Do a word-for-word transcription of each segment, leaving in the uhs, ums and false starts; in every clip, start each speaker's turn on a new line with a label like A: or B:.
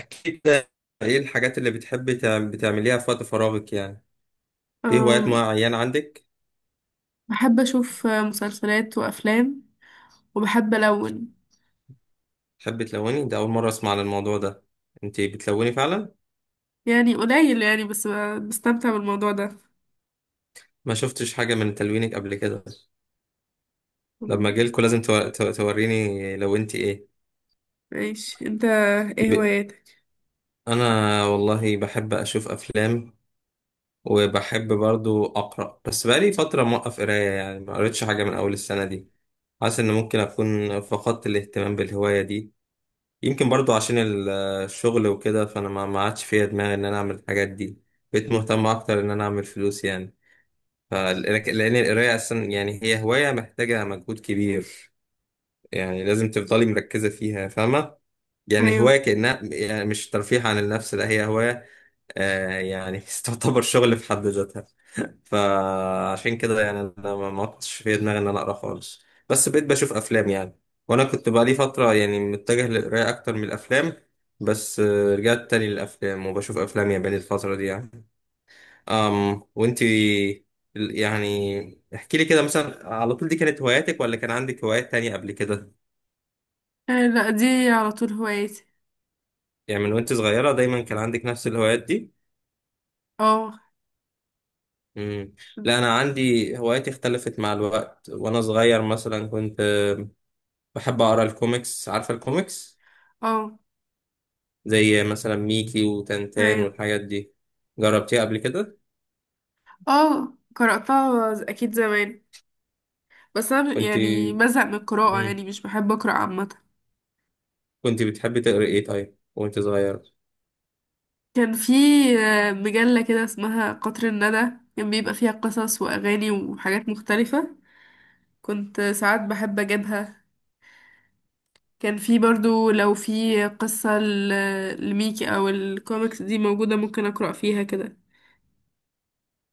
A: احكي كده. ايه الحاجات اللي بتحبي تعم- بتعمليها في وقت فراغك يعني؟ في هوايات
B: أم،
A: معينة عندك؟
B: بحب أشوف مسلسلات وأفلام، وبحب ألون.
A: تحبي تلوني؟ ده اول مرة اسمع عن الموضوع ده. انتي بتلوني فعلا؟
B: يعني قليل، يعني بس ب- بستمتع بالموضوع ده.
A: ما شفتش حاجة من تلوينك قبل كده. لما
B: أم،
A: اجيلكوا لازم تو- تو- توريني لو انتي ايه.
B: ماشي أنت. إيه
A: ب...
B: هواياتك؟
A: انا والله بحب اشوف افلام. وبحب برضو اقرا، بس بقالي فترة موقف قراية يعني ما قريتش حاجة من اول السنة دي. حاسس ان ممكن اكون فقدت الاهتمام بالهواية دي. يمكن برضو عشان ال- الشغل وكده، فانا ما ما عادش فيا دماغي ان انا اعمل الحاجات دي. بقيت مهتم اكتر ان انا اعمل فلوس يعني. ف- لك- لان القرايه اصلا يعني هي هوايه محتاجه مجهود كبير. يعني لازم تفضلي مركزه فيها، فاهمه؟ يعني
B: أيوه.
A: هوايه كانها يعني مش ترفيه عن النفس، لا هي هوايه. آه يعني تعتبر شغل في حد ذاتها. فعشان كده يعني انا ما ما كنتش في دماغي ان انا اقرا خالص. بس بقيت بشوف افلام يعني. وانا كنت بقالي فتره يعني متجه للقرايه اكتر من الافلام. بس آه، رجعت تاني للافلام وبشوف افلام ياباني الفتره دي يعني. أم وانتي، ال- يعني احكي لي كده، مثلا على طول دي كانت هواياتك ولا كان عندك هوايات تانية قبل كده؟
B: آه، لأ، دي على طول هواياتي.
A: يعني من وانت صغيره دايما كان عندك نفس الهوايات دي؟
B: اه.
A: مم. لا انا عندي هواياتي اختلفت مع الوقت. وانا صغير مثلا كنت بحب اقرا الكوميكس. عارفه الكوميكس؟
B: اه.
A: زي مثلا ميكي وتنتان
B: أيوه.
A: والحاجات دي. جربتيها قبل كده؟
B: اه، قرأتها ز- أكيد زمان. بس أنا
A: كنت
B: يعني بزهق من القراءة،
A: مم.
B: يعني مش بحب أقرأ عامة.
A: كنت بتحبي تقري ايه طيب وانت صغير؟
B: كان في آه، مجلة كده اسمها قطر الندى. كان بيبقى فيها قصص وأغاني وحاجات مختلفة. كنت ساعات بحب أجيبها. كان في برضو لو في قصة ل- لميكي او الكوميكس دي موجودة ممكن اقرأ فيها كده.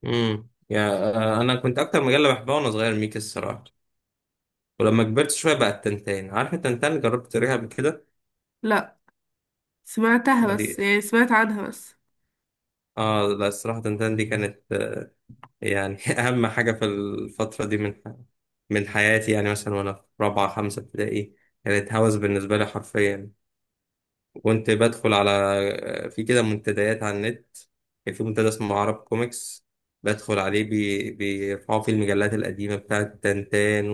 A: امم يا آه، انا كنت اكتر مجله بحبها وانا صغير ميكي، الصراحه. ولما كبرت شويه بقى التنتان. عارفه التنتان؟ جربت تقريها قبل كده؟
B: لا، سمعتها
A: ودي
B: بس، يعني سمعت عنها بس.
A: اه لا، الصراحه تنتان دي كانت يعني أهم حاجة في الفترة دي من من حياتي، يعني مثلا وأنا في رابعة خمسة ابتدائي. كانت هوس بالنسبة لي حرفيا. كنت بدخل على في كده منتديات على النت. كان في منتدى اسمه عرب كوميكس. بدخل عليه، بي... بيرفعوا فيه المجلات القديمة بتاعت تنتان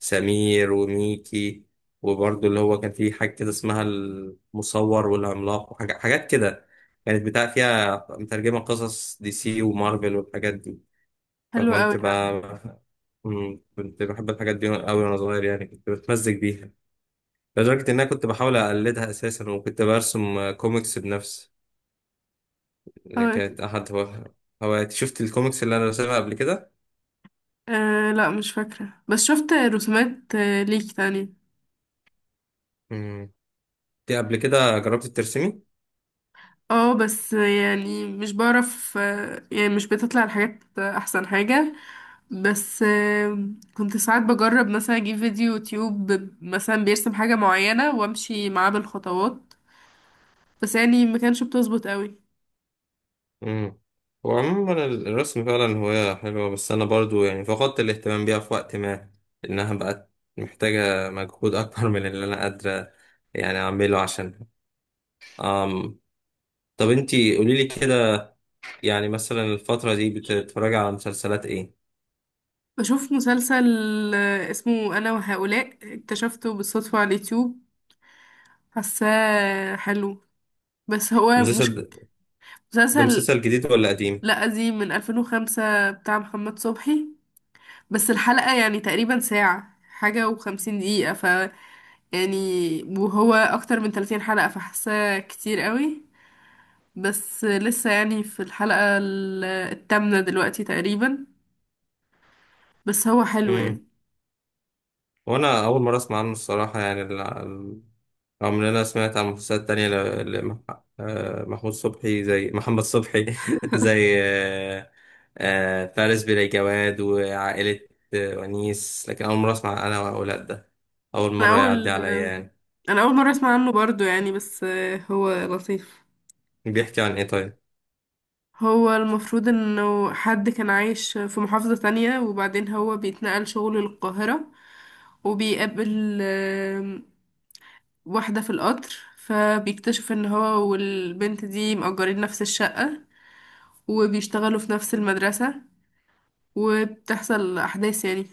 A: وسمير وميكي. وبرضه اللي هو كان فيه حاجة كده اسمها المصور والعملاق وحاجات حاجات كده. كانت بتاع فيها مترجمة قصص دي سي ومارفل والحاجات دي.
B: حلو قوي
A: فكنت
B: ده.
A: بقى مم، كنت بحب الحاجات دي أوي وأنا صغير يعني. كنت بتمزج بيها لدرجة إن أنا كنت بحاول أقلدها أساسا، وكنت برسم آه، كوميكس بنفسي اللي
B: اه.
A: كانت أحد هو... هواياتي. شفت الكوميكس اللي أنا رسمها قبل كده؟
B: آه، لا مش فاكرة، بس شفت رسومات آه، ليكي تاني.
A: مم. دي قبل كده جربت ترسمي؟
B: اه بس يعني مش بعرف. آه، يعني مش بتطلع الحاجات احسن حاجة. بس آه، كنت ساعات بجرب مثلا اجيب فيديو يوتيوب، مثلا بيرسم حاجة معينة وامشي معاه بالخطوات. بس يعني ما كانش بتظبط قوي.
A: مم. هو عموما ال- الرسم فعلا هواية حلوة، بس أنا برضو يعني فقدت الاهتمام بيها في وقت ما. إنها بقت محتاجة مجهود أكبر من اللي أنا قادرة يعني أعمله. عشان أم. طب انتي قوليلي كده، يعني مثلا الفترة دي بتتفرج على مسلسلات ايه؟
B: بشوف مسلسل آه، اسمه أنا وهؤلاء، اكتشفته بالصدفة على اليوتيوب. حاساه حلو، بس هو مش
A: مسلسل ده
B: مسلسل.
A: مسلسل جديد ولا قديم؟
B: لا قديم، من ألفين وخمسة بتاع محمد صبحي. بس الحلقة يعني تقريبا ساعة حاجة وخمسين دقيقة. ف يعني، وهو أكتر من ثلاثين حلقة، فحاساه كتير قوي. بس لسه يعني في الحلقة ال- التامنة دلوقتي تقريبا. بس هو حلو
A: امم.
B: يعني.
A: وانا اول مرة اسمع عنه الصراحة يعني. ال- ال- رغم ان انا سمعت عن مسلسلات تانية ل- لمح... آه، محمود صبحي، زي محمد صبحي زي آه، آه، فارس بلا جواد وعائلة آه، ونيس. لكن اول مرة اسمع انا واولاد ده. اول
B: أنا
A: مرة يعدي
B: أول
A: عليا يعني.
B: أنا أول مرة أسمع عنه برضو يعني، بس آه، هو لطيف.
A: بيحكي عن ايه طيب؟
B: هو المفروض انه حد كان عايش في محافظة تانية، وبعدين هو بيتنقل شغل للقاهرة، وبيقابل آم، واحدة في القطر. فبيكتشف ان هو والبنت دي مأجرين نفس الشقة، وبيشتغلوا في نفس المدرسة، وبتحصل أحداث يعني.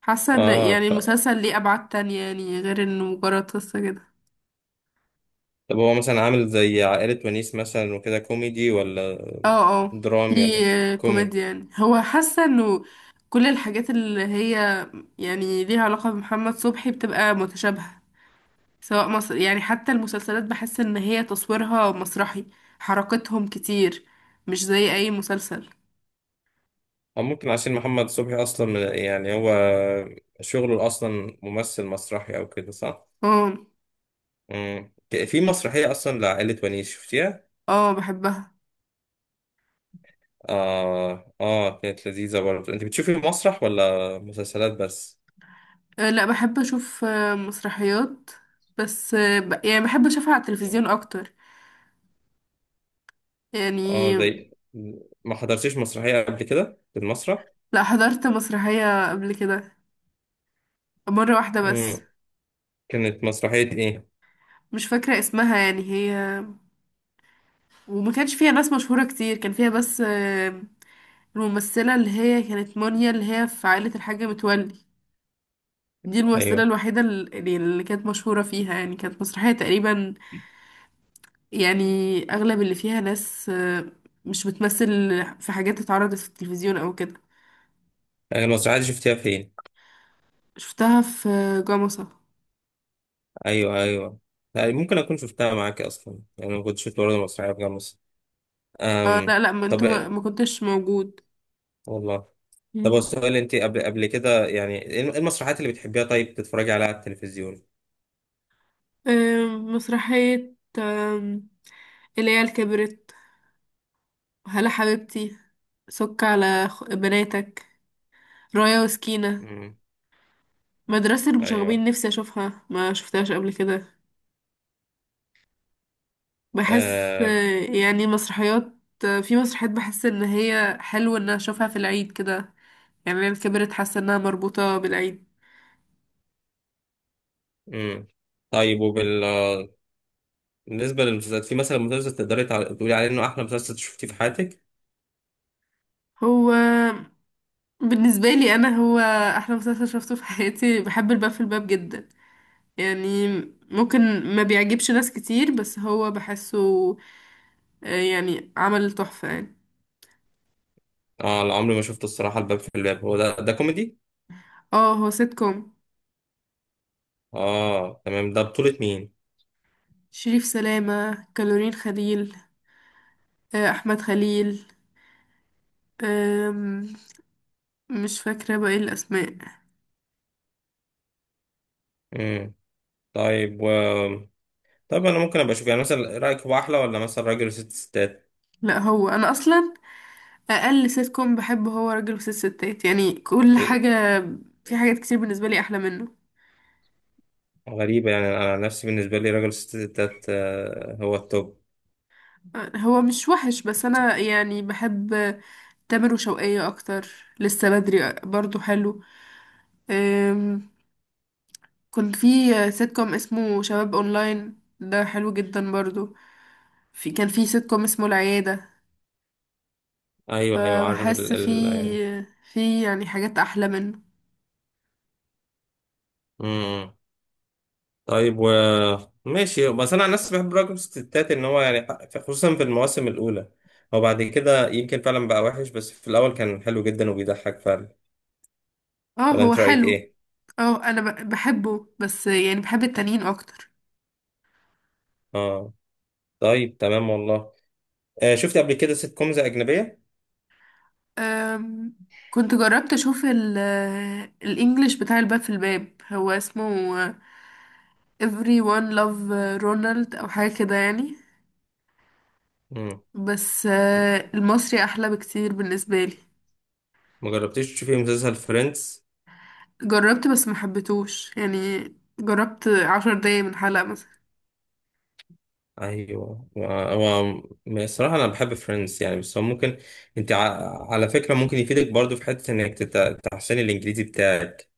B: حاسة ان يعني
A: اه.
B: المسلسل ليه أبعاد تانية يعني غير انه مجرد قصة كده.
A: طب هو مثلا عامل زي عائلة ونيس مثلا وكده، كوميدي ولا
B: اه. اه،
A: درامي
B: في
A: ولا
B: آه،
A: كوميدي؟
B: كوميديا. يعني هو حاسة انه كل الحاجات اللي هي يعني ليها علاقة بمحمد صبحي بتبقى متشابهة، سواء مصر. يعني حتى المسلسلات بحس ان هي تصويرها مسرحي، حركتهم كتير، مش زي اي مسلسل.
A: أو ممكن عشان محمد صبحي أصلا من- يعني هو شغله أصلا ممثل مسرحي أو كده، صح؟
B: اه.
A: مم. في مسرحية أصلا لعائلة ونيس، شفتيها؟
B: اه، بحبها.
A: آه آه كانت لذيذة برضه. أنت بتشوفي مسرح ولا مسلسلات بس؟
B: آه، لا بحب اشوف آه، مسرحيات. بس آه، ب- يعني بحب اشوفها على التلفزيون اكتر
A: آه
B: يعني.
A: زي ما حضرتيش مسرحية قبل كده في المسرح؟
B: لا، حضرت مسرحية قبل كده مرة واحدة بس.
A: مم. كانت مسرحية إيه؟
B: مش فاكرة اسمها، يعني هي وما كانش فيها ناس مشهورة كتير. كان فيها بس آه، الممثلة اللي هي كانت مونيا، اللي هي في عائلة الحاجة متولي. دي الممثلة
A: أيوه.
B: الوحيدة اللي, اللي كانت مشهورة فيها يعني. كانت مسرحية تقريبا يعني، أغلب اللي فيها ناس آه، مش بتمثل، في حاجات اتعرضت في التلفزيون أو كده.
A: أيوة، المسرحية دي شفتيها فين؟
B: شفتها في جمصة.
A: ايوه ايوه. يعني ممكن اكون شفتها معاك اصلا، يعني انا كنت شفت برضه مسرحيه في جامعه مصر.
B: آه
A: أم...
B: لا لا، ما
A: طب
B: انتوا ما, ما كنتش موجود.
A: والله. طب هو
B: مم.
A: السؤال انت قبل قبل كده يعني ايه المسرحيات اللي بتحبيها طيب تتفرجي عليها على التلفزيون؟
B: آه، مسرحية آه، العيال كبرت، هلا حبيبتي، سك على خ- بناتك، رايا وسكينة،
A: امم.
B: مدرسة المشاغبين
A: ايوه.
B: نفسي أشوفها ما شفتهاش قبل كده. بحس
A: آه...
B: آه، يعني مسرحيات. آه، في مسرحيات بحس إن هي حلو إن أشوفها في العيد كده. يعني أنا كبرت حاسة إنها مربوطة بالعيد.
A: امم. طيب وبال بالنسبه للمسلسلات، في مثلا مسلسل تقدري تع- تقولي عليه انه احلى مسلسل شفتيه في حياتك؟
B: هو بالنسبة لي أنا، هو أحلى مسلسل شفته في حياتي، بحب الباب في الباب جدا يعني. ممكن ما بيعجبش ناس كتير، بس هو بحسه آه، يعني عمل تحفة يعني.
A: اه لا، عمري ما شفته الصراحه. الباب في الباب، هو ده ده كوميدي؟
B: اه هو سيت كوم.
A: اه تمام. ده بطوله مين؟
B: شريف سلامة، كالورين خليل، آه، أحمد خليل. أم، مش فاكرة بقى ايه الأسماء.
A: امم. طيب. طب انا ممكن ابقى اشوف. يعني مثلا رايك هو احلى ولا مثلا راجل وست ستات؟
B: لا، هو أنا أصلا أقل سيت كوم بحبه هو راجل وست ستات يعني. كل
A: إيه،
B: حاجة، في حاجات كتير بالنسبة لي أحلى منه.
A: غريبه. يعني انا أنا نفسي بالنسبه لي راجل وست ستات آه، هو التوب.
B: أه، هو مش وحش، بس أنا يعني بحب تامر وشوقية أكتر. لسه بدري برضو حلو. أم، كنت في سيت كوم اسمه شباب أونلاين ده حلو جدا برضو. في كان في سيت كوم اسمه العيادة.
A: ايوه ايوه، عارف
B: فبحس
A: ال
B: في،
A: ال يعني.
B: في يعني حاجات أحلى منه.
A: امم. طيب و ماشي. بس انا عن نفسي بحب راجل وست ستات ان هو يعني ح- خصوصا في المواسم الاولى. هو بعد كده يمكن فعلا بقى وحش، بس في الاول كان حلو جدا وبيضحك فعلا.
B: اه
A: ولا
B: هو
A: انت رايك
B: حلو.
A: ايه؟
B: اه انا ب- بحبه، بس يعني بحب التانيين اكتر.
A: اه. طيب تمام، والله. آه، شفت قبل كده سيت كومز اجنبيه؟
B: أم كنت جربت اشوف ال آه، الانجليش بتاع الباب في الباب، هو اسمه everyone love رونالد او حاجه كده يعني.
A: امم.
B: بس آه، المصري احلى بكتير بالنسبه لي.
A: ما جربتيش تشوفي مسلسل فريندز؟
B: جربت بس ما حبيتهوش يعني. جربت عشر دقايق من حلقه مثلا.
A: ايوه. هو هو- الصراحه انا بحب فريندز يعني، بس هو ممكن. انت ع- على فكره، ممكن يفيدك برضو في حته انك تت- تحسن الانجليزي بتاعك.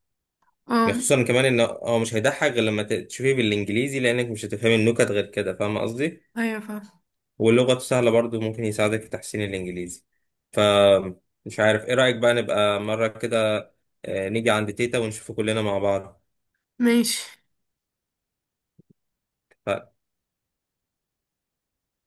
B: اه
A: خصوصا كمان ان هو مش هيضحك غير لما ت- تشوفيه بالانجليزي. لانك مش هتفهمي النكت غير كده، فاهم قصدي؟
B: ايوه فاهم.
A: واللغه سهله برضو، ممكن يساعدك في تحسين الانجليزي. ف مش عارف ايه رايك بقى، نبقى مره كده، آه، نيجي عند تيتا ونشوفه كلنا مع بعض.
B: ماشي